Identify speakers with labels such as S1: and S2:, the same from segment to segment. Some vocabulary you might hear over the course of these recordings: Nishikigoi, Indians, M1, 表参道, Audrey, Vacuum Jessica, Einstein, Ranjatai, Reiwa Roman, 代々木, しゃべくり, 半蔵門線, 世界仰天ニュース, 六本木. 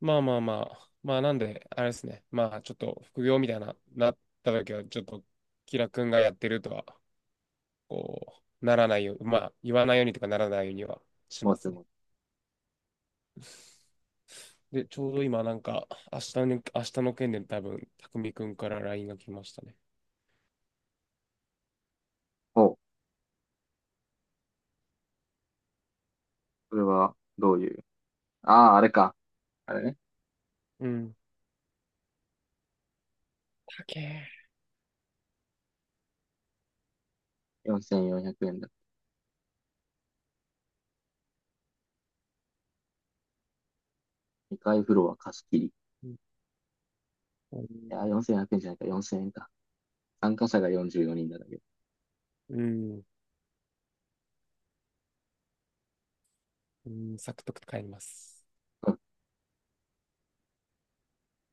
S1: まあまあまあ、まあなんで、あれですね。まあちょっと副業みたいな、なった時は、ちょっと、キラ君がやってるとは、ならないよう、まあ言わないようにとかならないようにはし
S2: も
S1: ま
S2: ち
S1: すね。
S2: もち。
S1: で、ちょうど今なんか、明日の、明日の件で多分、匠君から LINE が来ましたね。
S2: お、これはどういう。ああ、あれか。あれね。
S1: うん。かけ
S2: 4400円だ。2階フロア貸し切り。い
S1: うん。
S2: やー、4400円じゃないか、4000円か。参加者が44人だけど。
S1: うん。うん、サクッと帰ります。
S2: うん、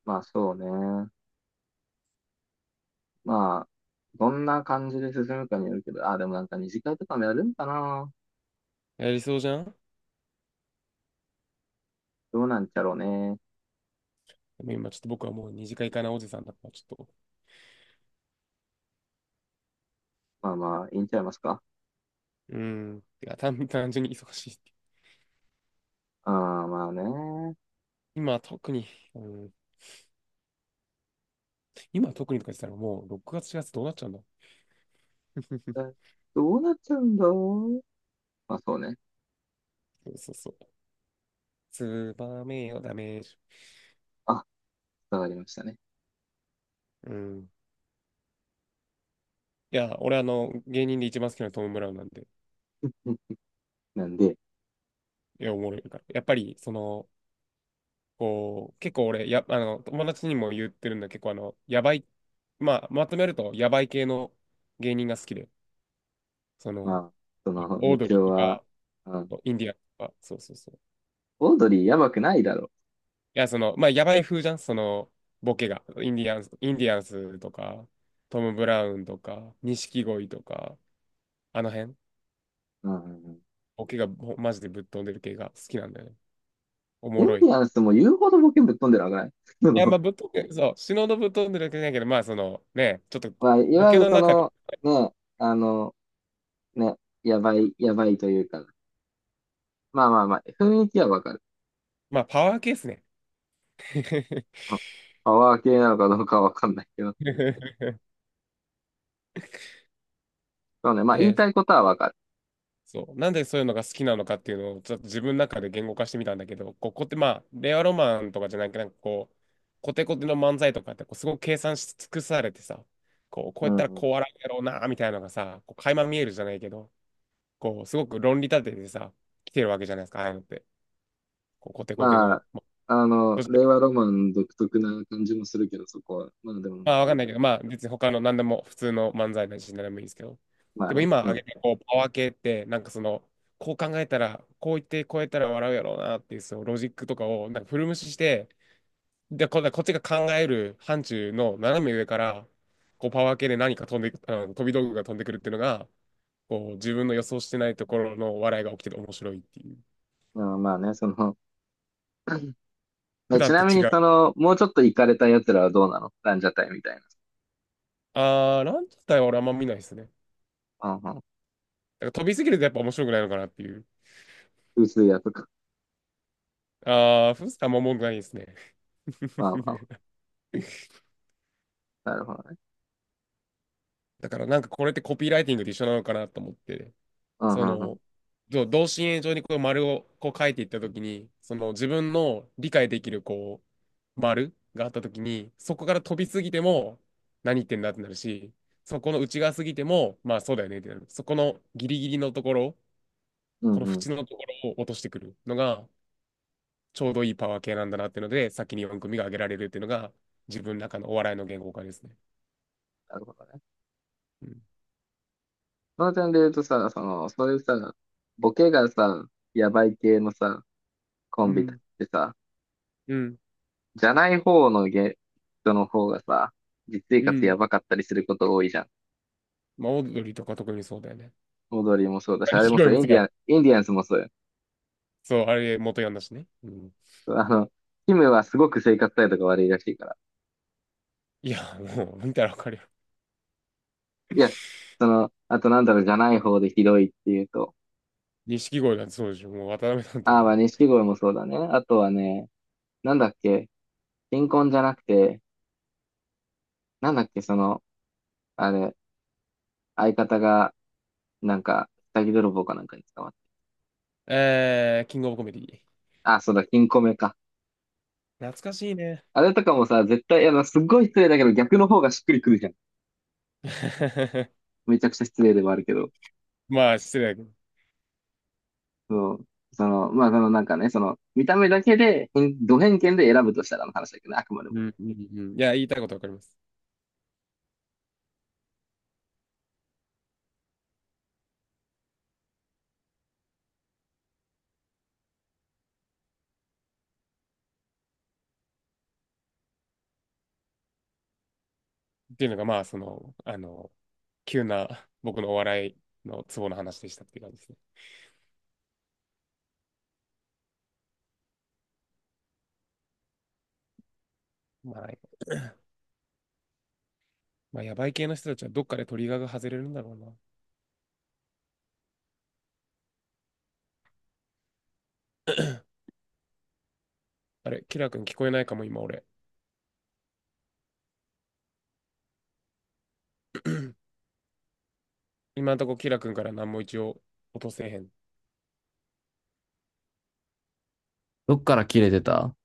S2: まあ、そうね。まあ、どんな感じで進むかによるけど、ああ、でもなんか二次会とかもやるんかな。
S1: やりそうじゃん。
S2: どうなんちゃろうね。
S1: でも今ちょっと僕はもう二次会かなおじさんだから、ちょっと、
S2: まあまあ、いいんちゃいますか。
S1: うん。てか単純に忙しい。
S2: ああ、まあね。
S1: 今特に、うん、今特にとか言ってたらもう6月、4月どうなっちゃうんだ。
S2: え どうなっちゃうんだろう。まあそうね。
S1: そうそうそう。ツバメよ、ダメージ。
S2: あ、伝わりましたね。
S1: うん。いや、俺芸人で一番好きなのはトム・ブラウンなんで、
S2: うん、なんで、
S1: いや、おもろいから。やっぱり、その、こう、結構俺、や、あの、友達にも言ってるんだけど、結構やばい、まあ、まとめると、やばい系の芸人が好きで、そ
S2: ま
S1: の、
S2: あ、その、
S1: オ
S2: 道
S1: ードリ
S2: 夫
S1: ーと
S2: は、
S1: か、
S2: うん、
S1: インディアンとか、そうそうそう。
S2: オードリーやばくないだろ
S1: いや、その、まあ、やばい風じゃん、その、ボケが。インディアンスとか、トム・ブラウンとか、錦鯉とか、あの辺、
S2: う。うん。
S1: ボケがマジでぶっ飛んでる系が好きなんだよね。お
S2: イ
S1: も
S2: ン
S1: ろい。
S2: デ
S1: い
S2: ィアンスも言うほどボケぶっ飛んでるわけない。そ
S1: や、
S2: の、
S1: まあ、ぶっ飛んでる、そう、死ぬほどぶっ飛んでる系だけど、まあ、その、ね、ちょっと、
S2: まあ、い
S1: ボ
S2: わゆ
S1: ケ
S2: る
S1: の
S2: そ
S1: 中で、
S2: の、ね、あの、ね、やばい、やばいというか、まあまあまあ、雰囲気はわかる。
S1: まあ、パワー系っすね。
S2: うん、パワー系なのかどうかはわかんないけど、そうね、まあ言い
S1: で、
S2: たいことはわかる。
S1: そう。なんでそういうのが好きなのかっていうのをちょっと自分の中で言語化してみたんだけど、こう、こって、まあ、令和ロマンとかじゃなくて、なんかこう、コテコテの漫才とかってこうすごく計算し尽くされてさ、こう、こう
S2: う
S1: やっ
S2: ん、
S1: たら
S2: うん。
S1: こう笑うやろうな、みたいなのがさ、こう、垣間見えるじゃないけど、こう、すごく論理立ててさ、来てるわけじゃないですか、ああいうのって。こう、コテコテ
S2: ま
S1: の、
S2: あ、
S1: まあ、
S2: あの、
S1: どっち
S2: 令
S1: か、
S2: 和ロマン独特な感じもするけど、そこは。まあでも、
S1: まあ、わかんないけど、まあ、別に他の何でも、普通の漫才なし何でもいいんですけど。
S2: まあ
S1: でも
S2: ね、
S1: 今
S2: う
S1: 挙げ
S2: ん。
S1: た、こう、パワー系って、なんかその、こう考えたら、こう言って、こうやったら笑うやろうなっていう、そのロジックとかを、なんか無視して、で、こっちが考える範疇の斜め上から、こう、パワー系で何か飛んでく、あの飛び道具が飛んでくるっていうのが、こう、自分の予想してないところの笑いが起きてて面白いっていう。
S2: うん、まあね、その、
S1: 普
S2: ち
S1: 段
S2: な
S1: と
S2: み
S1: 違
S2: にそ
S1: う。
S2: の、もうちょっと行かれた奴らはどうなの、ランジャタイみたいな。
S1: あー、ランジャタイは俺あんま見ないですね。だ
S2: うん、うん、
S1: から飛びすぎるとやっぱ面白くないのかなっていう。
S2: 薄いやつか。
S1: あー、フースターも文句ないですね。
S2: わあ、わ あ、なるほどね。
S1: だからなんかこれってコピーライティングと一緒なのかなと思って、
S2: うん、う
S1: そ
S2: ん、うん。
S1: の、同心円状にこう丸をこう書いていったときに、その自分の理解できるこう丸があったときに、そこから飛びすぎても何言ってんだってなるし、そこの内側すぎても、まあそうだよねってなる。そこのギリギリのところ、
S2: う
S1: こ
S2: ん、
S1: の
S2: うん。
S1: 縁のところを落としてくるのが、ちょうどいいパワー系なんだなっていうので、先に4組が挙げられるっていうのが、自分の中のお笑いの言語化ですね。
S2: なるほどね。
S1: うん。
S2: その点で言うとさ、その、そういうさ、ボケがさ、やばい系のさ、コ
S1: う
S2: ンビっ
S1: ん。
S2: てさ、
S1: うん。
S2: じゃない方の人の方がさ、実生
S1: う
S2: 活や
S1: ん。
S2: ばかったりすること多いじゃん。
S1: まあ、オードリーとか特にそうだよね。
S2: 踊りもそうだし、あれ
S1: 錦
S2: もそ
S1: 鯉
S2: う、
S1: もそうだ。
S2: インディアンスもそうよ。
S1: そう、あれ元ヤンだしね。うん。
S2: あの、キムはすごく生活態度が悪いらしいから。
S1: いや、もう、見たらわかるよ。
S2: いや、その、あとなんだろう、じゃない方でひどいっていうと、
S1: 錦鯉なんてそうでしょ。もう、渡辺なんて
S2: ああ、
S1: も
S2: まあ、
S1: う。
S2: 錦鯉もそうだね。あとはね、なんだっけ、新婚じゃなくて、なんだっけ、その、あれ、相方が、なんか、下着泥棒かなんかに捕まっ
S1: えー、キングオブコメディ。
S2: た。あ、そうだ、金庫目か。
S1: 懐かしいね。
S2: あれとかもさ、絶対、いや、まあすっごい失礼だけど、逆の方がしっくりくるじゃん。めちゃくちゃ失礼ではあるけど。
S1: まあ、失礼だけど。
S2: そう。その、まあ、そのなんかね、その、見た目だけで、偏見で選ぶとしたらの話だけどね、あくまでも。
S1: うん、うん、うん。いや、言いたいことわかります。っていうのが、まあ、その、あの、急な僕のお笑いのツボの話でしたっていう感じですね。まあ、まあ、やばい系の人たちはどっかでトリガーが外れるんだろうな。あれ、キラー君聞こえないかも、今俺。今んとこ、キラ君から何も一応落とせへん。
S2: どっから切れてた。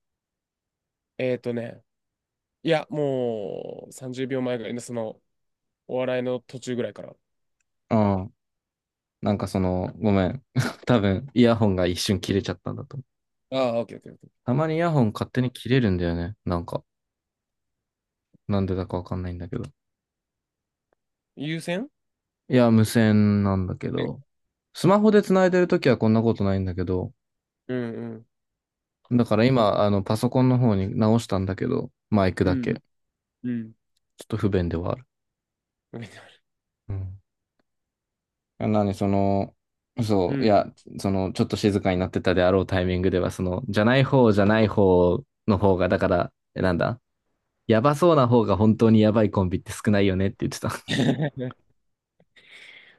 S1: えっとね、いや、もう30秒前ぐらいの、その、お笑いの途中ぐらいから。
S2: うん。なんかその、ごめん。多分、イヤホンが一瞬切れちゃったんだと思う。
S1: ああ、オッケーオッケーオッケー。
S2: たまにイヤホン勝手に切れるんだよね。なんか、なんでだかわかんないんだけど。
S1: 優先
S2: いや、無線なんだけど、スマホで繋いでるときはこんなことないんだけど、
S1: うんうん。
S2: だから今、あの、パソコンの方に直したんだけど、マイク
S1: う
S2: だ
S1: ん
S2: け。ちょ
S1: うん。うん。
S2: っと不便ではある。うん。あなに、その、
S1: う
S2: そう、い
S1: ん。
S2: や、その、ちょっと静かになってたであろうタイミングでは、その、じゃない方の方が、だから、なんだ、やばそうな方が本当にやばいコンビって少ないよねって言ってた。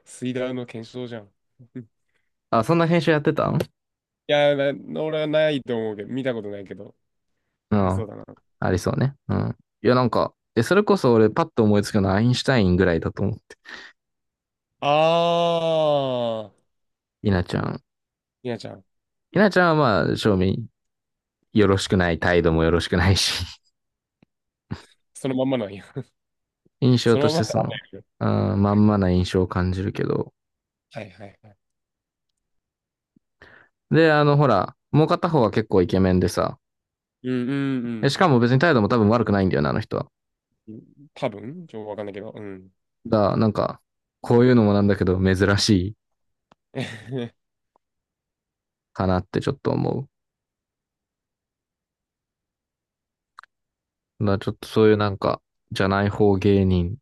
S1: スイダー の検証じゃん。うん。
S2: あ、そんな編集やってたん。
S1: いや、俺はないと思うけど、見たことないけど、
S2: う
S1: ありそ
S2: ん。
S1: うだな。
S2: ありそうね。うん。いや、なんか、それこそ俺パッと思いつくのはアインシュタインぐらいだと思う。
S1: ああ、
S2: 稲ちゃん。
S1: みなちゃん、
S2: 稲ちゃんはまあ、正面よろしくない、態度もよろしくないし、
S1: そのまんまなんや。
S2: 印 象
S1: そ
S2: と
S1: の
S2: し
S1: まんま
S2: てその、
S1: だね。
S2: あ、まんまな印象を感じるけど。
S1: はいはいはい。
S2: で、あの、ほら、もう片方は結構イケメンでさ、
S1: うんうん
S2: しかも別に態度も多分悪くないんだよな、あの人は。
S1: うん。多分、ちょっとわかんないけど、うん。
S2: だから、なんか、こういうのもなんだけど、珍しい かなってちょっと思う。だからちょっとそういうなんか、じゃない方芸人。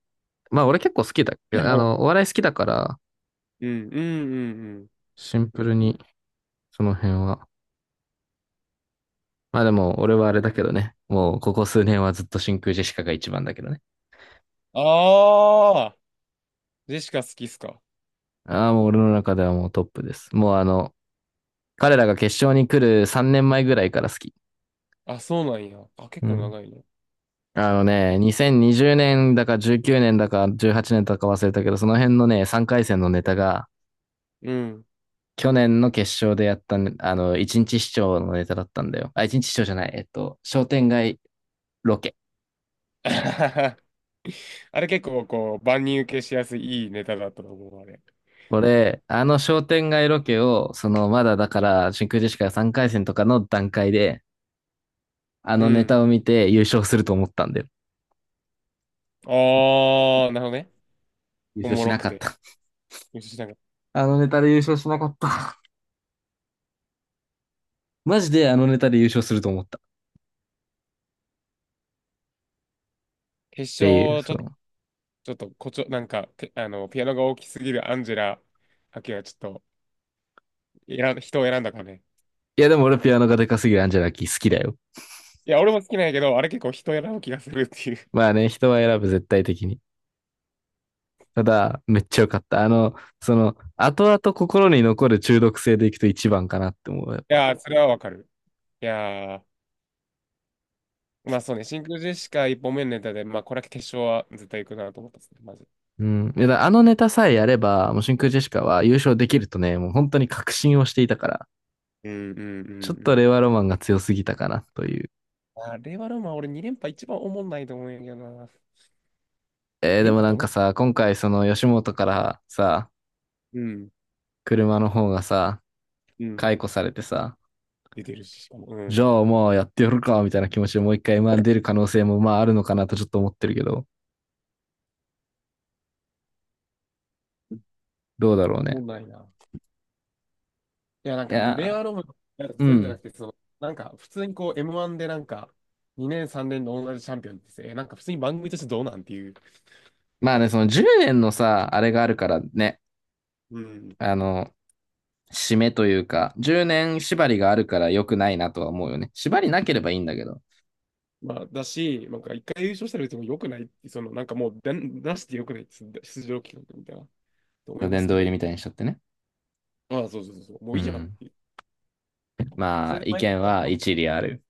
S2: まあ、俺結構好きだ。
S1: はい。
S2: あ
S1: う
S2: の、お笑い好きだから、
S1: ん、うん、うん、うん。
S2: シンプルに、その辺は。まあでも、俺はあれだけどね。もう、ここ数年はずっと真空ジェシカが一番だけどね。
S1: ああ、ジェシカ好きっすか。
S2: ああ、もう俺の中ではもうトップです。もうあの、彼らが決勝に来る3年前ぐらいから好き。
S1: あ、そうなんや。あ、結
S2: う
S1: 構
S2: ん。
S1: 長いね。
S2: あのね、2020年だか19年だか18年だか忘れたけど、その辺のね、3回戦のネタが、
S1: うん。
S2: 去年の決勝でやったね、あの、1日市長のネタだったんだよ。あ、1日市長じゃない。商店街ロケ。
S1: あれ結構こう、万人受けしやすいいいネタだったと思う、あれ。
S2: これ、あの商店街ロケを、その、まだだから、真空ジェシカが3回戦とかの段階で、あ
S1: う
S2: のネ
S1: ん。
S2: タを見て優勝すると思ったんだよ。
S1: ああ、なるほどね。
S2: 優
S1: お
S2: 勝
S1: も
S2: し
S1: ろ
S2: な
S1: く
S2: かっ
S1: て。
S2: た。
S1: よし、なんか、
S2: あのネタで優勝しなかった。マジであのネタで優勝すると思った。っ
S1: 決
S2: ていう、
S1: 勝、ち
S2: そ
S1: ょ、
S2: の。
S1: ちょっと、こちょ、なんか、てピアノが大きすぎるアンジェラ・ハケはちょっと、人を選んだかね。
S2: いやでも俺ピアノがでかすぎるアンジェラキー好きだよ。
S1: いや、俺も好きなんやけど、あれ結構人を選ぶ気がするっていう。い
S2: まあね、人は選ぶ絶対的に。ただ、めっちゃ良かった。あの、その、後々心に残る中毒性でいくと一番かなって思う、やっぱ。
S1: やー、それはわかる。いやー、まあそうね、真空ジェシカ一本目のネタで、まあこれは決勝は絶対行くなと思ったですね、マジ。
S2: うん。いやだ、あのネタさえやれば、もう真空ジェシカは優勝できるとね、もう本当に確信をしていたから、
S1: うんうんう
S2: ちょっ
S1: んう
S2: と
S1: ん。
S2: 令和ロマンが強すぎたかなという。
S1: あれはでも俺2連覇一番おもんないと思うんやけどな。
S2: で
S1: 連
S2: も
S1: 覇っ
S2: な
S1: て
S2: ん
S1: 思
S2: か
S1: っ、
S2: さ、今回その吉本からさ、
S1: うん、
S2: 車の方がさ、
S1: うん、
S2: 解雇されてさ、
S1: 出てるし、しかも、う
S2: じ
S1: ん、
S2: ゃあもうやってやるか、みたいな気持ちでもう一回 M1 出る可能性もまああるのかなとちょっと思ってるけど、どうだろう
S1: おも
S2: ね。
S1: んないな。いや、なん
S2: い
S1: か、令
S2: や、
S1: 和ロマンなんか
S2: う
S1: そういうんじゃな
S2: ん。
S1: くて、その、なんか、普通にこう、M1 でなんか、2年、3年の同じチャンピオンってさえなんか普通に番組としてどうなんっていう、なん
S2: まあ
S1: か、
S2: ね、その10年のさ、あれがあるからね、
S1: うん。
S2: あの、締めというか、10年縛りがあるから良くないなとは思うよね。縛りなければいいんだけど、
S1: まあ、だし、なんか、一回優勝したら別に良くないって、その、なんかもう出、出して良くないって、出場企画みたいな。と思いま
S2: 殿
S1: すけ
S2: 堂入り
S1: ど、
S2: みたいにしちゃってね。
S1: ああ、そうそうそうそう、も
S2: う
S1: ういいじゃんっ
S2: ん。
S1: ていう。そ
S2: ま
S1: れ
S2: あ、
S1: で
S2: 意
S1: 毎
S2: 見
S1: 回、こ
S2: は
S1: の
S2: 一理ある。